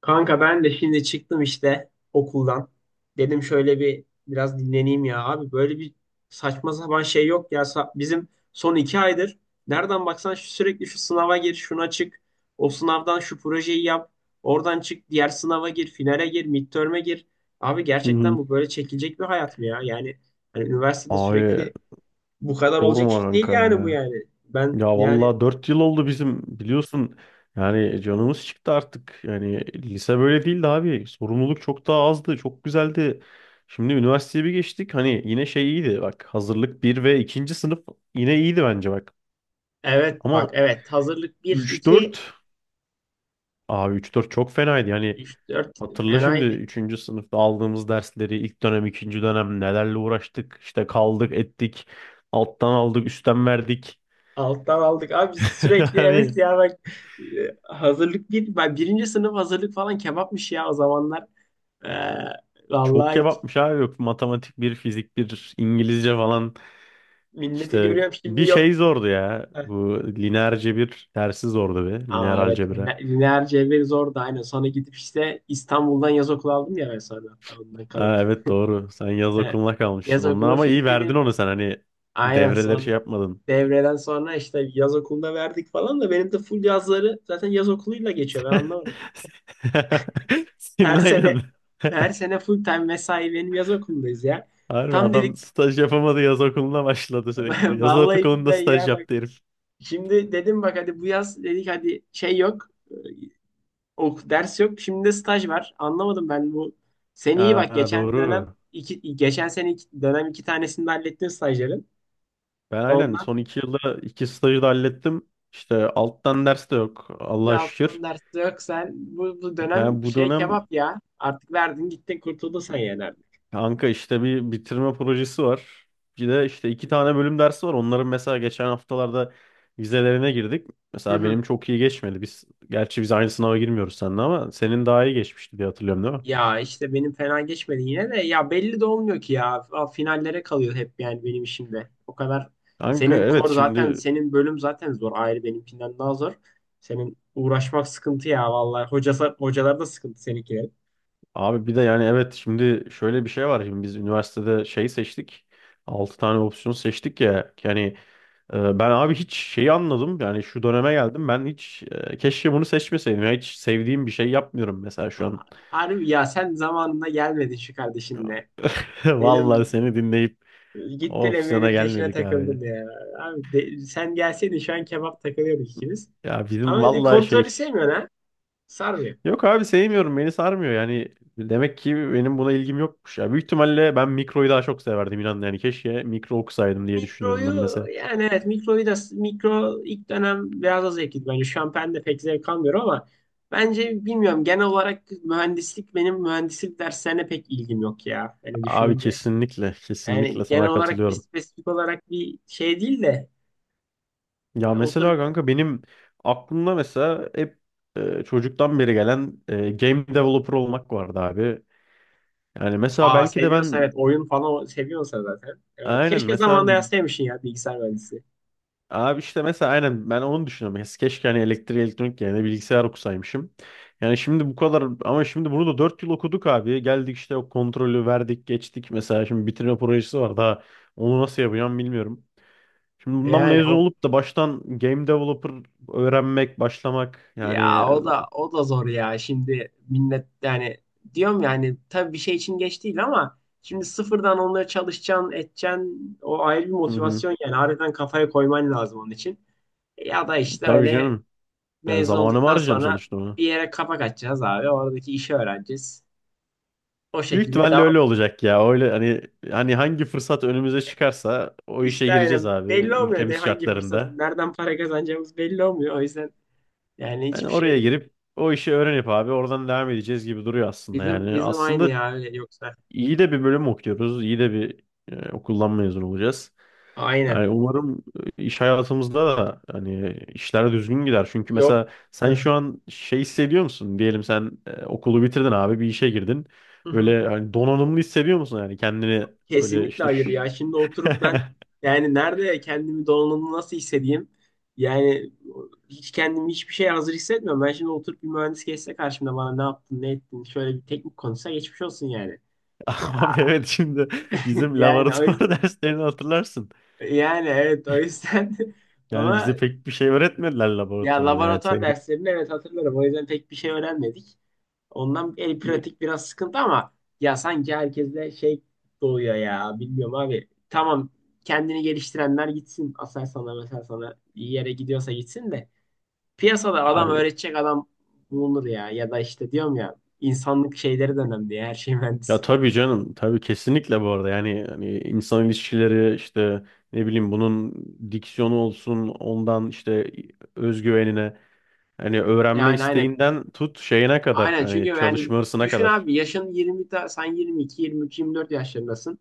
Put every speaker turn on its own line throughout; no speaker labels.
Kanka ben de şimdi çıktım işte okuldan. Dedim şöyle bir biraz dinleneyim ya abi. Böyle bir saçma sapan şey yok ya. Bizim son 2 aydır nereden baksan sürekli şu sınava gir, şuna çık. O sınavdan şu projeyi yap. Oradan çık, diğer sınava gir, finale gir, midterm'e gir. Abi
Hı
gerçekten
hı.
bu böyle çekilecek bir hayat mı ya? Yani hani üniversitede
Abi
sürekli bu kadar olacak
sorma
iş değil
kanka
yani bu
ya.
yani. Ben
Ya
yani
vallahi 4 yıl oldu bizim biliyorsun. Yani canımız çıktı artık. Yani lise böyle değildi abi. Sorumluluk çok daha azdı. Çok güzeldi. Şimdi üniversiteye bir geçtik. Hani yine şey iyiydi. Bak hazırlık bir ve ikinci sınıf yine iyiydi bence bak.
evet bak
Ama
evet hazırlık 1,
üç
2,
dört, abi üç dört çok fenaydı. Yani
3, 4
hatırla şimdi
fenaydı.
üçüncü sınıfta aldığımız dersleri ilk dönem ikinci dönem nelerle uğraştık. İşte kaldık ettik. Alttan aldık üstten verdik.
Alttan aldık. Abi sürekli evet
Yani
ya bak hazırlık bir, ben birinci sınıf hazırlık falan kebapmış ya o zamanlar. Ee,
çok
vallahi hiç
kebapmış abi, yok matematik bir fizik bir İngilizce falan
minneti
işte
görüyorum şimdi
bir
yok.
şey zordu ya,
Heh.
bu lineer cebir dersi zordu be, lineer
Aa evet
algebra.
lineer cebir zordu aynen. Sonra gidip işte İstanbul'dan yaz okulu aldım ya ben sonra hatta ondan kalıp.
Aa, evet doğru, sen yaz
Evet.
okuluna
Yaz
kalmıştın onunla
okulu
ama iyi
fix benim.
verdin onu sen, hani
Aynen
devreleri şey
son
yapmadın.
devreden sonra işte yaz okulunda verdik falan da benim de full yazları zaten yaz okuluyla geçiyor ben anlamadım.
Senin
Her sene
aynen.
her sene full time mesai benim yaz okulundayız ya.
Harbi
Tam dedik
adam staj yapamadı, yaz okuluna başladı sürekli. Yaz
vallahi
okulunda
billahi
staj
ya bak.
yaptı herif.
Şimdi dedim bak hadi bu yaz dedik hadi şey yok. Ok, ders yok. Şimdi de staj var. Anlamadım ben bu. Sen iyi bak
Aa,
geçen dönem
doğru.
iki, geçen sene iki, dönem iki tanesini de hallettin stajların.
Ben aynen
Ondan
son 2 yılda iki stajı da hallettim. İşte alttan ders de yok,
da
Allah'a
alttan
şükür.
ders yok sen. Bu dönem
Yani bu
şey
dönem
kebap ya. Artık verdin gittin kurtuldun sen yani artık.
kanka işte bir bitirme projesi var. Bir de işte iki tane bölüm dersi var. Onların mesela geçen haftalarda vizelerine girdik. Mesela benim çok iyi geçmedi. Biz gerçi biz aynı sınava girmiyoruz seninle ama senin daha iyi geçmişti diye hatırlıyorum, değil mi?
Ya işte benim fena geçmedi yine de ya belli de olmuyor ki ya finallere kalıyor hep yani benim işimde. O kadar
Kanka
senin
evet
kor zaten
şimdi,
senin bölüm zaten zor ayrı benimkinden daha zor. Senin uğraşmak sıkıntı ya vallahi hocası hocalar da sıkıntı seninkilerin.
abi bir de, yani evet şimdi şöyle bir şey var. Şimdi biz üniversitede şey seçtik. Altı tane opsiyon seçtik ya. Yani ben abi hiç şeyi anladım. Yani şu döneme geldim. Ben hiç keşke bunu seçmeseydim. Ya hiç sevdiğim bir şey yapmıyorum mesela şu
A-
an.
Harbi ya sen zamanında gelmedin şu kardeşinle.
Vallahi
Benim
seni dinleyip o
gittin
opsiyona
Emel'in peşine
gelmedik abi.
takıldın ya. Abi sen gelseydin şu an kebap takılıyorduk ikimiz.
Ya bizim
Ama
vallahi
kontrolü
şey.
sevmiyorsun ha. Sarmıyor.
Yok abi sevmiyorum. Beni sarmıyor. Yani demek ki benim buna ilgim yokmuş ya. Büyük ihtimalle ben mikroyu daha çok severdim, inan. Yani keşke mikro okusaydım diye düşünüyorum ben
Mikroyu
mesela.
yani evet mikroyu da mikro ilk dönem biraz az zevkliydi bence. Şampen de pek zevk almıyorum ama bence bilmiyorum genel olarak mühendislik benim mühendislik derslerine pek ilgim yok ya. Hani
Abi
düşününce
kesinlikle,
yani
kesinlikle
genel
sana
olarak bir
katılıyorum.
spesifik olarak bir şey değil de
Ya
oturup
mesela kanka benim aklımda mesela hep çocuktan beri gelen game developer olmak vardı abi. Yani mesela
aa
belki de
seviyorsa
ben
evet oyun falan seviyorsa zaten. Evet
aynen
keşke
mesela
zamanında yazsaymışsın ya bilgisayar mühendisi.
abi işte mesela aynen ben onu düşünüyorum. Ya keşke hani elektrik elektronik yerine bilgisayar okusaymışım. Yani şimdi bu kadar ama şimdi bunu da 4 yıl okuduk abi. Geldik işte, o kontrolü verdik geçtik, mesela şimdi bitirme projesi var daha, onu nasıl yapacağım bilmiyorum. Şimdi bundan
Yani.
mezun olup da baştan game developer öğrenmek, başlamak yani.
Ya, o da zor ya. Şimdi millet yani diyorum yani tabii bir şey için geç değil ama şimdi sıfırdan onları çalışacaksın, edeceksin. O ayrı bir
Hı hı.
motivasyon yani. Harbiden kafaya koyman lazım onun için. Ya da işte
Tabii
öyle
canım. Yani
mezun
zamanımı
olduktan
harcayacağım
sonra
sonuçta onu.
bir yere kapak açacağız abi. Oradaki işi öğreneceğiz. O
Büyük
şekilde
ihtimalle
devam.
öyle olacak ya. Öyle hani hangi fırsat önümüze çıkarsa o
İşte
işe gireceğiz
yani
abi,
belli olmuyor ne
ülkemiz
hangi fırsatı,
şartlarında.
nereden para kazanacağımız belli olmuyor. O yüzden yani
Yani
hiçbir şey
oraya girip o işi öğrenip abi oradan devam edeceğiz gibi duruyor aslında yani.
bizim aynı
Aslında
ya öyle yoksa.
iyi de bir bölüm okuyoruz. İyi de bir okuldan mezun olacağız.
Aynen.
Yani umarım iş hayatımızda da hani işler düzgün gider. Çünkü
Yok.
mesela sen şu an şey hissediyor musun? Diyelim sen okulu bitirdin abi, bir işe girdin. Böyle hani donanımlı hissediyor musun yani kendini, böyle
Kesinlikle
işte
hayır
şu-
ya. Şimdi oturup ben yani nerede kendimi donanımlı nasıl hissedeyim? Yani hiç kendimi hiçbir şeye hazır hissetmiyorum. Ben şimdi oturup bir mühendis geçse karşımda bana ne yaptın, ne ettin, şöyle bir teknik konuşsa geçmiş olsun yani. Ya
Abi evet şimdi bizim
yani o yüzden
laboratuvar derslerini hatırlarsın.
yani evet o yüzden
Yani
ama
bize pek bir şey öğretmediler
ya
laboratuvarda, yani
laboratuvar
teorik.
derslerini evet hatırlarım. O yüzden pek bir şey öğrenmedik. Ondan el pratik biraz sıkıntı ama ya sanki herkeste şey doğuyor ya. Bilmiyorum abi. Tamam kendini geliştirenler gitsin. Aselsan'a mesela sana iyi yere gidiyorsa gitsin de. Piyasada adam öğretecek adam bulunur ya. Ya da işte diyorum ya insanlık şeyleri de önemli ya. Her şey
Ya
mühendislik
tabii
değil.
canım, tabii kesinlikle bu arada. Yani hani insan ilişkileri işte ne bileyim, bunun diksiyonu olsun, ondan işte özgüvenine, hani öğrenme
Yani aynen.
isteğinden tut şeyine kadar,
Aynen çünkü
hani
yani
çalışma hırsına
düşün
kadar.
abi yaşın 20 sen 22, 23, 24 yaşlarındasın.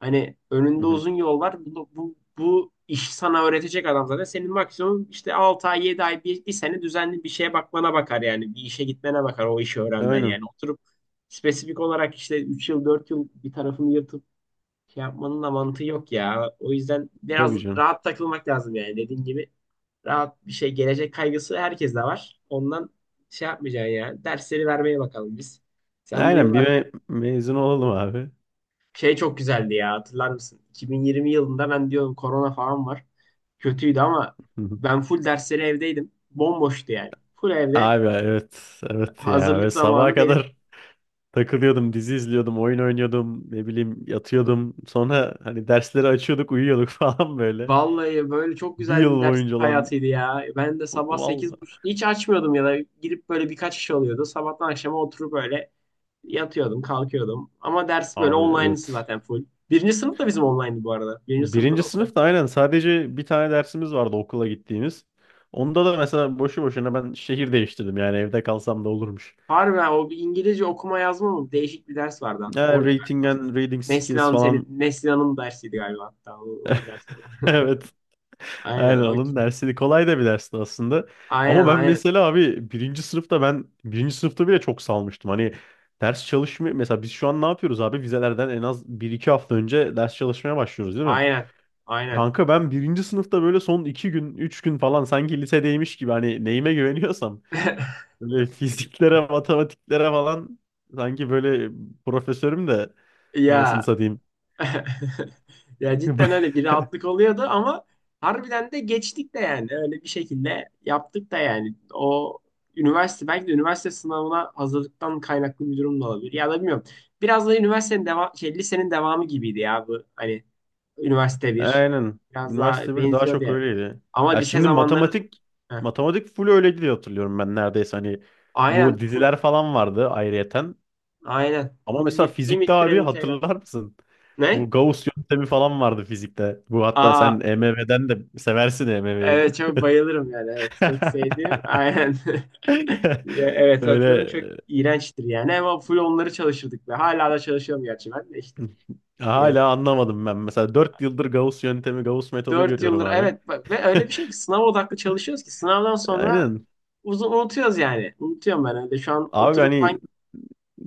Hani
Hı
önünde
hı.
uzun yol var. Bu iş sana öğretecek adam zaten. Senin maksimum işte 6 ay, 7 ay, bir sene düzenli bir şeye bakmana bakar yani. Bir işe gitmene bakar o işi öğrenmen
Aynen.
yani. Oturup spesifik olarak işte 3 yıl, 4 yıl bir tarafını yırtıp şey yapmanın da mantığı yok ya. O yüzden biraz
Tabii canım.
rahat takılmak lazım yani. Dediğim gibi rahat bir şey, gelecek kaygısı herkeste var. Ondan şey yapmayacaksın ya. Dersleri vermeye bakalım biz. Sen bu
Aynen
yıl
bir mezun olalım abi.
şey çok güzeldi ya hatırlar mısın? 2020 yılında ben diyorum korona falan var. Kötüydü ama
Hı hı.
ben full dersleri evdeydim. Bomboştu yani. Full evde
Abi evet, evet ya, ve
hazırlık
sabaha
zamanı benim.
kadar takılıyordum, dizi izliyordum, oyun oynuyordum, ne bileyim yatıyordum. Sonra hani dersleri açıyorduk, uyuyorduk falan böyle.
Vallahi böyle çok
Bir
güzel bir
yıl
ders
boyunca olan.
hayatıydı ya. Ben de sabah
Vallahi
8:30 hiç açmıyordum ya da girip böyle birkaç iş oluyordu. Sabahtan akşama oturup böyle yatıyordum, kalkıyordum. Ama ders böyle
abi
online'sı
evet.
zaten full. Birinci sınıf da bizim online'dı bu arada. Birinci sınıfta
Birinci
da.
sınıfta aynen sadece bir tane dersimiz vardı okula gittiğimiz. Onda da mesela boşu boşuna ben şehir değiştirdim, yani evde kalsam da olurmuş.
Harbi ha, o bir İngilizce okuma yazma mı? Değişik bir ders vardı.
Ha,
O
rating
galiba.
and reading skills
Neslihan senin
falan.
Neslihan'ın dersiydi galiba hatta onun dersi.
Evet.
Aynen
Aynen
o,
onun dersiydi. Kolay da bir dersti aslında.
aynen
Ama ben
aynen
mesela abi birinci sınıfta, ben birinci sınıfta bile çok salmıştım. Hani ders çalışmıyor. Mesela biz şu an ne yapıyoruz abi? Vizelerden en az bir iki hafta önce ders çalışmaya başlıyoruz, değil mi?
aynen aynen.
Kanka ben birinci sınıfta böyle son 2 gün, 3 gün falan, sanki lisedeymiş gibi, hani neyime güveniyorsam böyle fiziklere, matematiklere falan, sanki böyle profesörüm de, anasını
Ya
satayım.
ya cidden öyle bir rahatlık oluyordu ama harbiden de geçtik de yani öyle bir şekilde yaptık da yani o üniversite belki de üniversite sınavına hazırlıktan kaynaklı bir durum da olabilir ya da bilmiyorum. Biraz da üniversitenin devam şey lisenin devamı gibiydi ya bu hani Üniversite bir.
Aynen.
Biraz daha
Üniversite bir daha
benziyor
çok
diye.
öyleydi.
Ama
Ya
lise
şimdi
zamanları.
matematik,
Heh.
matematik full öyleydi diye hatırlıyorum ben neredeyse, hani
Aynen
bu
full
diziler falan vardı ayrıyeten.
aynen
Ama
full
mesela fizikte
limit türev
abi,
integral.
hatırlar mısın?
Ne?
Bu Gauss yöntemi falan vardı fizikte. Bu hatta
Aa
sen EMV'den de seversin, EMV'yi de.
evet çok bayılırım yani evet çok sevdiğim aynen. Ya, evet hatırlarım
Öyle
çok iğrençtir yani ama full onları çalışırdık ve hala da çalışıyorum gerçi ben de işte. Yani
hala anlamadım ben. Mesela 4 yıldır Gauss yöntemi, Gauss metodu
4
görüyorum
yıldır
abi.
evet ve öyle bir şey ki sınav odaklı çalışıyoruz ki sınavdan sonra
Aynen.
uzun unutuyoruz yani. Unutuyorum ben öyle şu an
Abi
oturup
hani
hangi.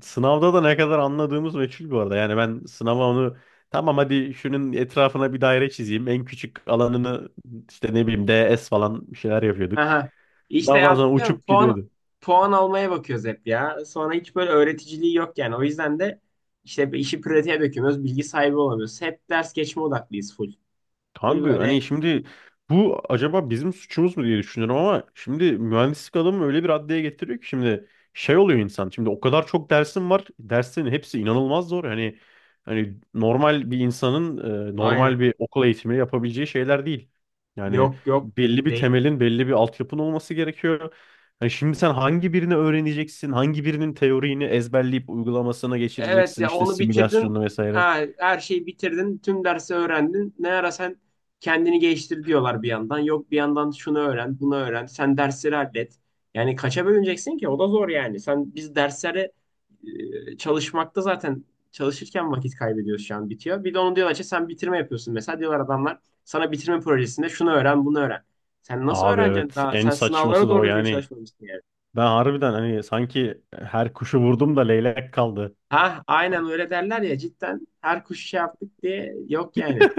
sınavda da ne kadar anladığımız meçhul bu arada. Yani ben sınava onu, tamam hadi şunun etrafına bir daire çizeyim. En küçük alanını işte ne bileyim, DS falan bir şeyler yapıyorduk.
Aha. İşte
Sınavdan sonra
artık diyorum,
uçup gidiyordu.
puan almaya bakıyoruz hep ya. Sonra hiç böyle öğreticiliği yok yani. O yüzden de işte işi pratiğe dökemiyoruz. Bilgi sahibi olamıyoruz. Hep ders geçme odaklıyız full. Full
Kanka
böyle.
hani şimdi bu acaba bizim suçumuz mu diye düşünüyorum ama şimdi mühendislik adamı öyle bir raddeye getiriyor ki, şimdi şey oluyor insan. Şimdi o kadar çok dersin var. Derslerin hepsi inanılmaz zor. Hani normal bir insanın
Aynen.
normal bir okul eğitimi yapabileceği şeyler değil. Yani
Yok, yok
belli bir
değil.
temelin, belli bir altyapın olması gerekiyor. Hani şimdi sen hangi birini öğreneceksin? Hangi birinin teorini ezberleyip uygulamasına
Evet
geçireceksin?
ya
İşte
onu bitirdin.
simülasyonunu vesaire.
Ha, her şeyi bitirdin. Tüm dersi öğrendin. Ne ara sen kendini geliştir diyorlar bir yandan. Yok bir yandan şunu öğren, bunu öğren. Sen dersleri hallet. Yani kaça bölüneceksin ki? O da zor yani. Biz derslere çalışmakta zaten çalışırken vakit kaybediyoruz şu an bitiyor. Bir de onu diyorlar ki sen bitirme yapıyorsun. Mesela diyorlar adamlar sana bitirme projesinde şunu öğren, bunu öğren. Sen nasıl
Abi
öğreneceksin?
evet
Daha
en
sen sınavlara
saçması da o
doğru düzgün
yani.
çalışmamışsın yani.
Ben harbiden hani sanki her kuşu vurdum da leylek kaldı.
Ha, aynen öyle derler ya cidden her kuş şey yaptık diye yok yani.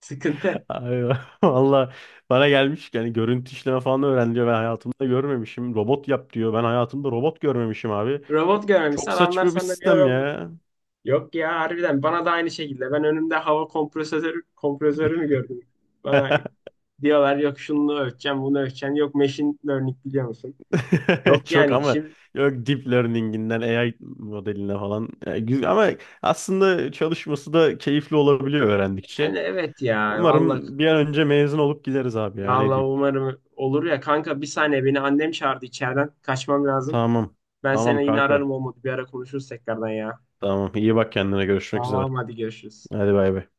Sıkıntı.
Ay, valla bana gelmiş yani, görüntü işleme falan öğren diyor. Ben hayatımda görmemişim. Robot yap diyor. Ben hayatımda robot görmemişim abi.
Robot görmemişse
Çok
adamlar
saçma bir
sana diyor
sistem
robot.
ya.
Yok ya harbiden bana da aynı şekilde. Ben önümde hava kompresörü mü gördüm? Bana diyorlar yok şunu ölçeceğim bunu ölçeceğim. Yok machine learning biliyor musun? Yok
Çok,
yani
ama
işim
yok deep learning'inden AI modeline falan. Yani güzel ama aslında çalışması da keyifli olabiliyor
yani
öğrendikçe.
evet ya vallahi
Umarım bir an önce mezun olup gideriz abi ya, ne
vallahi
diyeyim.
umarım olur ya kanka bir saniye beni annem çağırdı içeriden kaçmam lazım.
Tamam.
Ben
Tamam
seni yine
kanka.
ararım olmadı bir ara konuşuruz tekrardan ya.
Tamam. iyi bak kendine. Görüşmek üzere.
Tamam hadi görüşürüz.
Hadi bay bay.